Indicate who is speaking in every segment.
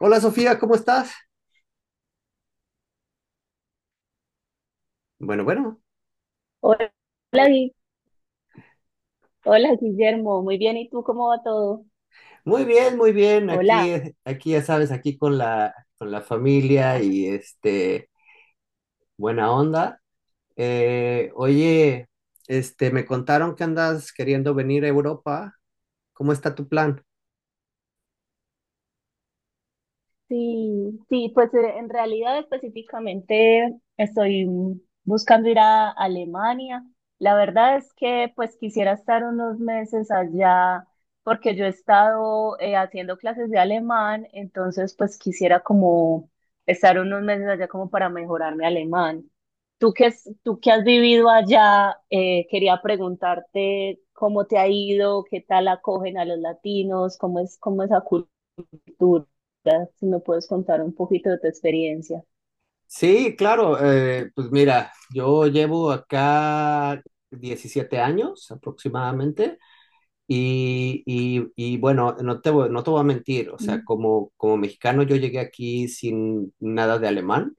Speaker 1: Hola Sofía, ¿cómo estás? Bueno, bueno,
Speaker 2: Hola, Gui- hola Guillermo, muy bien, ¿y tú cómo va todo?
Speaker 1: muy bien, muy bien. Aquí,
Speaker 2: Hola.
Speaker 1: eh, aquí ya sabes, aquí con la familia y buena onda. Oye, me contaron que andas queriendo venir a Europa. ¿Cómo está tu plan?
Speaker 2: Sí, sí, pues en realidad específicamente estoy buscando ir a Alemania. La verdad es que pues quisiera estar unos meses allá porque yo he estado haciendo clases de alemán, entonces pues quisiera como estar unos meses allá como para mejorar mi alemán. Tú que has vivido allá, quería preguntarte cómo te ha ido, qué tal acogen a los latinos, cómo es esa dura, si me puedes contar un poquito de tu experiencia.
Speaker 1: Sí, claro, pues mira, yo llevo acá 17 años aproximadamente. Y bueno, no te voy a mentir, o sea,
Speaker 2: ¿Mm?
Speaker 1: como mexicano yo llegué aquí sin nada de alemán.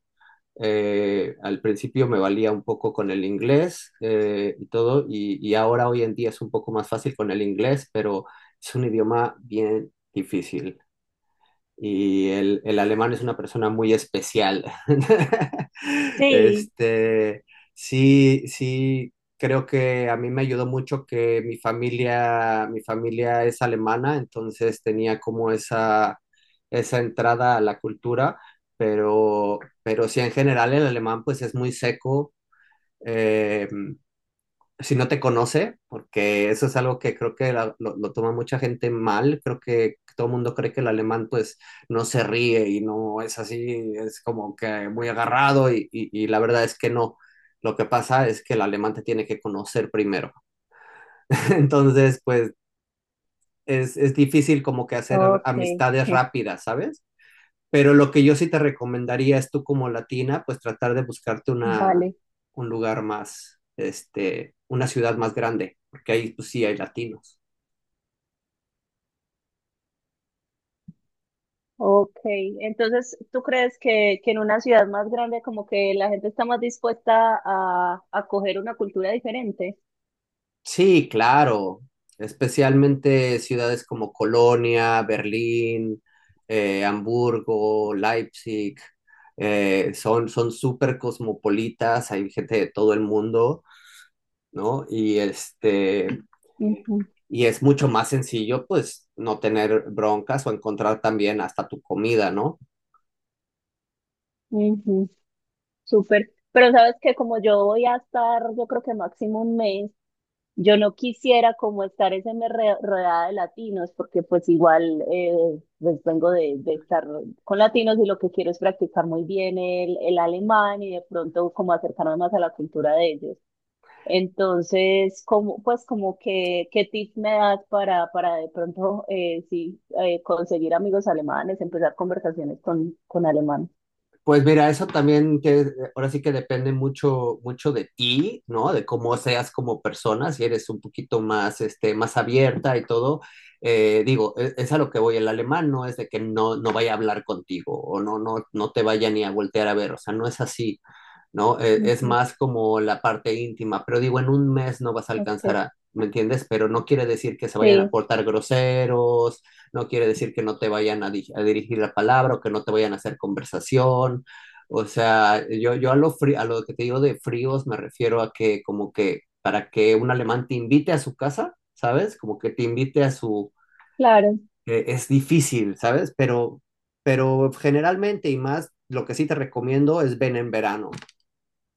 Speaker 1: Al principio me valía un poco con el inglés y todo, y ahora hoy en día es un poco más fácil con el inglés, pero es un idioma bien difícil y el alemán es una persona muy especial.
Speaker 2: Sí.
Speaker 1: Este, sí, sí, creo que a mí me ayudó mucho que mi familia es alemana, entonces tenía como esa entrada a la cultura, pero sí en general el alemán pues es muy seco. eh, si no te conoce, porque eso es algo que creo que lo toma mucha gente mal, creo que todo el mundo cree que el alemán pues no se ríe y no es así, es como que muy agarrado y la verdad es que no, lo que pasa es que el alemán te tiene que conocer primero, entonces pues es difícil como que hacer
Speaker 2: Ok,
Speaker 1: amistades
Speaker 2: je,
Speaker 1: rápidas, ¿sabes? Pero lo que yo sí te recomendaría es tú como latina, pues tratar de buscarte una,
Speaker 2: vale,
Speaker 1: un lugar más, una ciudad más grande, porque ahí pues sí hay latinos.
Speaker 2: ok. Entonces, ¿tú crees que en una ciudad más grande como que la gente está más dispuesta a coger una cultura diferente?
Speaker 1: Sí, claro, especialmente ciudades como Colonia, Berlín, Hamburgo, Leipzig, son súper cosmopolitas, hay gente de todo el mundo, ¿no? Y este,
Speaker 2: Ujú,
Speaker 1: y es mucho más sencillo, pues, no tener broncas o encontrar también hasta tu comida, ¿no?
Speaker 2: ujú, súper. Pero sabes que como yo voy a estar, yo creo que máximo un mes, yo no quisiera como estar ese rodeada de latinos, porque pues igual pues vengo de estar con latinos y lo que quiero es practicar muy bien el alemán y de pronto como acercarme más a la cultura de ellos. Entonces, como, pues como que, ¿qué tips me das para de pronto conseguir amigos alemanes, empezar conversaciones con alemán?
Speaker 1: Pues mira, eso también que ahora sí que depende mucho, mucho de ti, ¿no? De cómo seas como persona, si eres un poquito más abierta y todo. Digo, es a lo que voy, el alemán no es de que no vaya a hablar contigo o no te vaya ni a voltear a ver, o sea, no es así. ¿No? Es
Speaker 2: Ujú,
Speaker 1: más como la parte íntima, pero digo, en un mes no vas a alcanzar
Speaker 2: ok.
Speaker 1: a, ¿me entiendes? Pero no quiere decir que se vayan a
Speaker 2: Sí,
Speaker 1: portar groseros, no quiere decir que no te vayan a, a dirigir la palabra o que no te vayan a hacer conversación. O sea, yo a lo que te digo de fríos me refiero a que como que para que un alemán te invite a su casa, ¿sabes? Como que te invite a su...
Speaker 2: claro,
Speaker 1: es difícil, ¿sabes? Pero generalmente y más, lo que sí te recomiendo es ven en verano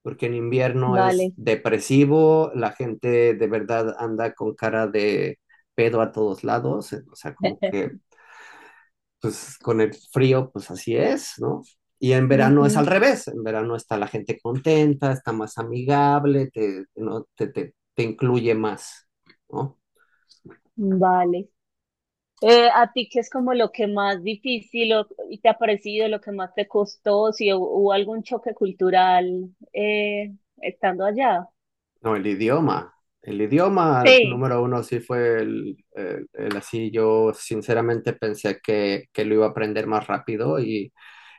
Speaker 1: porque en invierno es
Speaker 2: vale.
Speaker 1: depresivo, la gente de verdad anda con cara de pedo a todos lados, o sea, como que pues con el frío, pues así es, ¿no? Y en verano es
Speaker 2: Ujú.
Speaker 1: al revés, en verano está la gente contenta, está más amigable, ¿no? te incluye más, ¿no?
Speaker 2: Vale. ¿A ti qué es como lo que más difícil te ha parecido, lo que más te costó, si hubo algún choque cultural estando allá?
Speaker 1: No, el idioma. El idioma
Speaker 2: Sí,
Speaker 1: número uno sí fue el así. Yo sinceramente pensé que lo iba a aprender más rápido y,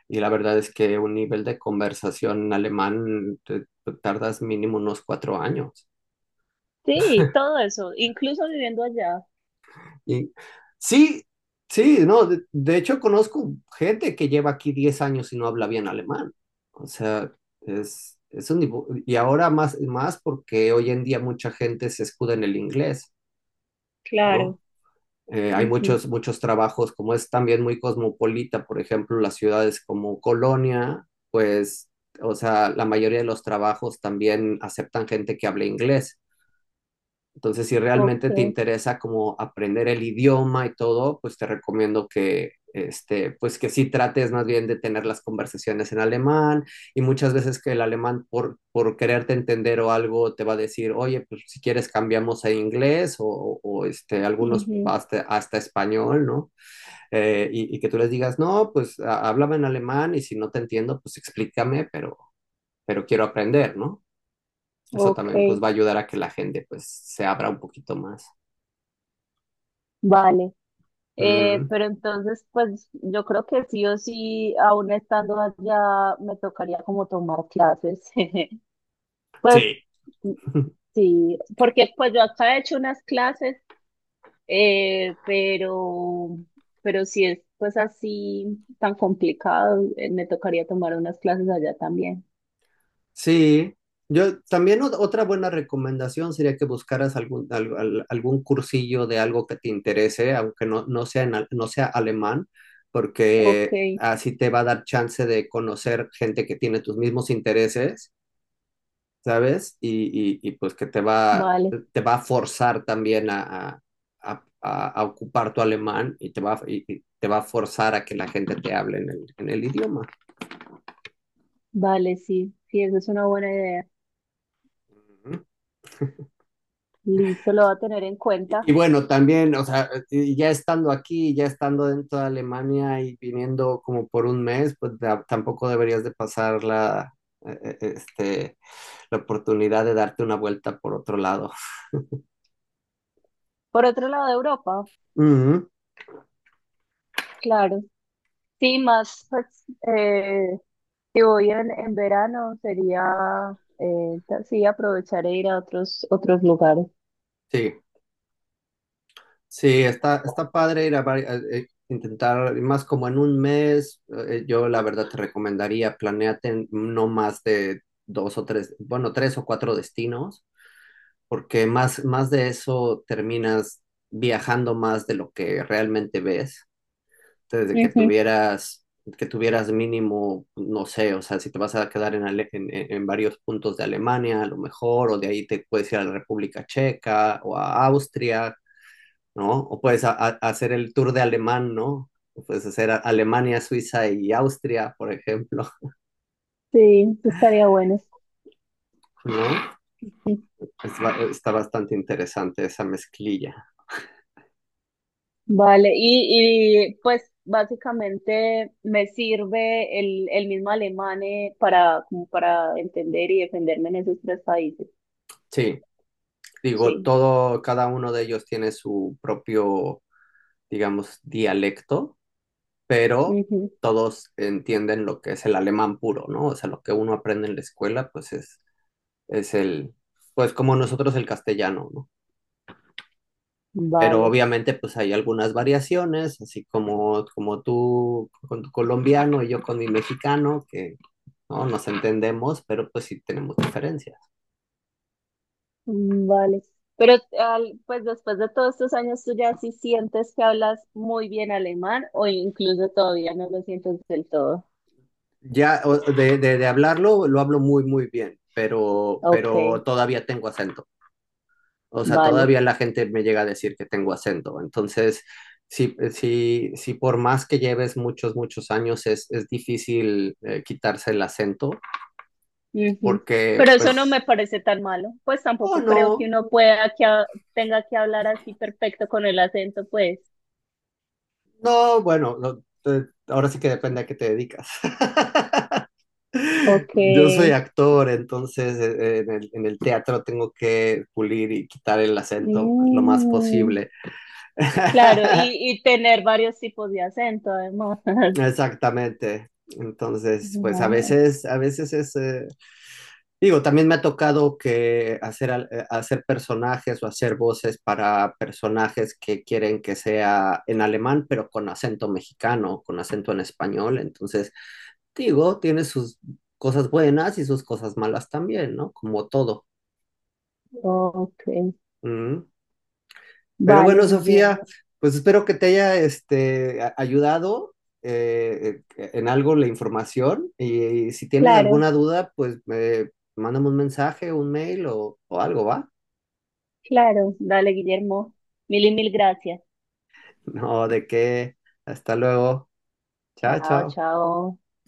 Speaker 1: Y la verdad es que un nivel de conversación alemán te tardas mínimo unos 4 años.
Speaker 2: sí, todo eso, incluso viviendo allá,
Speaker 1: Y sí, sí, no, de hecho conozco gente que lleva aquí 10 años y no habla bien alemán. O sea, y ahora más, más porque hoy en día mucha gente se escuda en el inglés,
Speaker 2: claro.
Speaker 1: ¿no? Hay
Speaker 2: Ujú.
Speaker 1: muchos, muchos trabajos, como es también muy cosmopolita, por ejemplo, las ciudades como Colonia, pues, o sea, la mayoría de los trabajos también aceptan gente que hable inglés. Entonces, si
Speaker 2: Ok,
Speaker 1: realmente te interesa como aprender el idioma y todo, pues te recomiendo que, pues que sí trates más bien de tener las conversaciones en alemán y muchas veces que el alemán por quererte entender o algo te va a decir, oye, pues si quieres cambiamos a inglés o algunos
Speaker 2: ujú,
Speaker 1: hasta español, ¿no? Que tú les digas, no, pues háblame en alemán y si no te entiendo, pues explícame, pero quiero aprender, ¿no? Eso
Speaker 2: ok,
Speaker 1: también pues va a ayudar a que la gente pues se abra un poquito más.
Speaker 2: vale.
Speaker 1: Mm,
Speaker 2: Pero entonces, pues yo creo que sí o sí, aún estando allá, me tocaría como tomar clases. Pues
Speaker 1: sí.
Speaker 2: mm, sí, porque pues yo acá he hecho unas clases. Eh, pero, pero si es pues así tan complicado, me tocaría tomar unas clases allá también.
Speaker 1: Sí, yo también otra buena recomendación sería que buscaras algún cursillo de algo que te interese, aunque no sea alemán,
Speaker 2: Ok,
Speaker 1: porque así te va a dar chance de conocer gente que tiene tus mismos intereses, ¿sabes? Y, pues que
Speaker 2: vale,
Speaker 1: te va a forzar también a, a- a ocupar tu alemán y te va a forzar a que la gente te hable en el idioma.
Speaker 2: vale, sí, sí, esa es una buena idea. Listo, lo va a tener en
Speaker 1: Y,
Speaker 2: cuenta.
Speaker 1: y bueno, también, o sea, y ya estando aquí, ya estando dentro de Alemania y viniendo como por un mes, pues tampoco deberías de pasar eh, eh, este, la oportunidad de darte una vuelta por otro lado.
Speaker 2: Por otro lado de Europa,
Speaker 1: Ujú,
Speaker 2: claro. Sí, más, pues, si voy en verano, sería, sí, aprovechar e ir a otros, otros lugares.
Speaker 1: sí, sí, está padre ir a intentar más como en un mes. Yo la verdad te recomendaría, planéate en no más de dos o tres, bueno, tres o cuatro destinos porque más, más de eso terminas viajando más de lo que realmente ves. Desde que
Speaker 2: Ujú.
Speaker 1: que tuvieras mínimo, no sé, o sea, si te vas a quedar en, en varios puntos de Alemania, a lo mejor, o de ahí te puedes ir a la República Checa o a Austria, ¿no? O puedes hacer el tour de alemán, ¿no? O puedes hacer Alemania, Suiza y Austria, por ejemplo,
Speaker 2: Sí, estaría bueno.
Speaker 1: ¿no? Está bastante interesante esa mezclilla.
Speaker 2: Vale, y pues básicamente me sirve el mismo alemán para, como para entender y defenderme en esos tres países.
Speaker 1: Sí. Digo,
Speaker 2: Sí.
Speaker 1: todo, cada uno de ellos tiene su propio, digamos, dialecto, pero
Speaker 2: Ujú.
Speaker 1: todos entienden lo que es el alemán puro, ¿no? O sea, lo que uno aprende en la escuela, es el, pues como nosotros el castellano, ¿no? Pero
Speaker 2: Vale,
Speaker 1: obviamente, pues hay algunas variaciones, así como, como tú con tu colombiano y yo con mi mexicano, que no nos entendemos, pero pues sí tenemos diferencias.
Speaker 2: mm, vale. Pero al- pues después de todos estos años, ¿tú ya sí sientes que hablas muy bien alemán o incluso todavía no lo sientes del todo?
Speaker 1: Ya, de hablarlo, lo hablo muy, muy bien, pero,
Speaker 2: Ok,
Speaker 1: pero todavía tengo acento. O sea,
Speaker 2: vale.
Speaker 1: todavía la gente me llega a decir que tengo acento. Entonces, sí, sí, sí, por más que lleves muchos, muchos años, es difícil quitarse el acento,
Speaker 2: Ujú.
Speaker 1: porque,
Speaker 2: Pero eso no
Speaker 1: pues,
Speaker 2: me parece tan malo. Pues
Speaker 1: oh,
Speaker 2: tampoco creo que
Speaker 1: no,
Speaker 2: uno pueda tenga que hablar así perfecto con el acento, pues.
Speaker 1: no, bueno, no, ahora sí que depende a qué te dedicas. Yo soy
Speaker 2: Okay,
Speaker 1: actor, entonces en en el teatro tengo que pulir y quitar el acento lo más
Speaker 2: mm,
Speaker 1: posible.
Speaker 2: claro, y tener varios tipos de acento además. Ajá,
Speaker 1: Exactamente. Entonces, pues a veces, digo, también me ha tocado que hacer personajes o hacer voces para personajes que quieren que sea en alemán, pero con acento mexicano, con acento en español. Entonces, digo, tiene sus cosas buenas y sus cosas malas también, ¿no? Como todo.
Speaker 2: ok.
Speaker 1: Pero
Speaker 2: Vale,
Speaker 1: bueno, Sofía,
Speaker 2: Guillermo.
Speaker 1: pues espero que te haya ayudado en algo la información y, si tienes
Speaker 2: Claro,
Speaker 1: alguna duda, pues mándame un mensaje, un mail o algo, ¿va?
Speaker 2: claro. Dale, Guillermo. Mil y mil gracias.
Speaker 1: No, de qué. Hasta luego. Chao,
Speaker 2: Chao,
Speaker 1: chao.
Speaker 2: chao.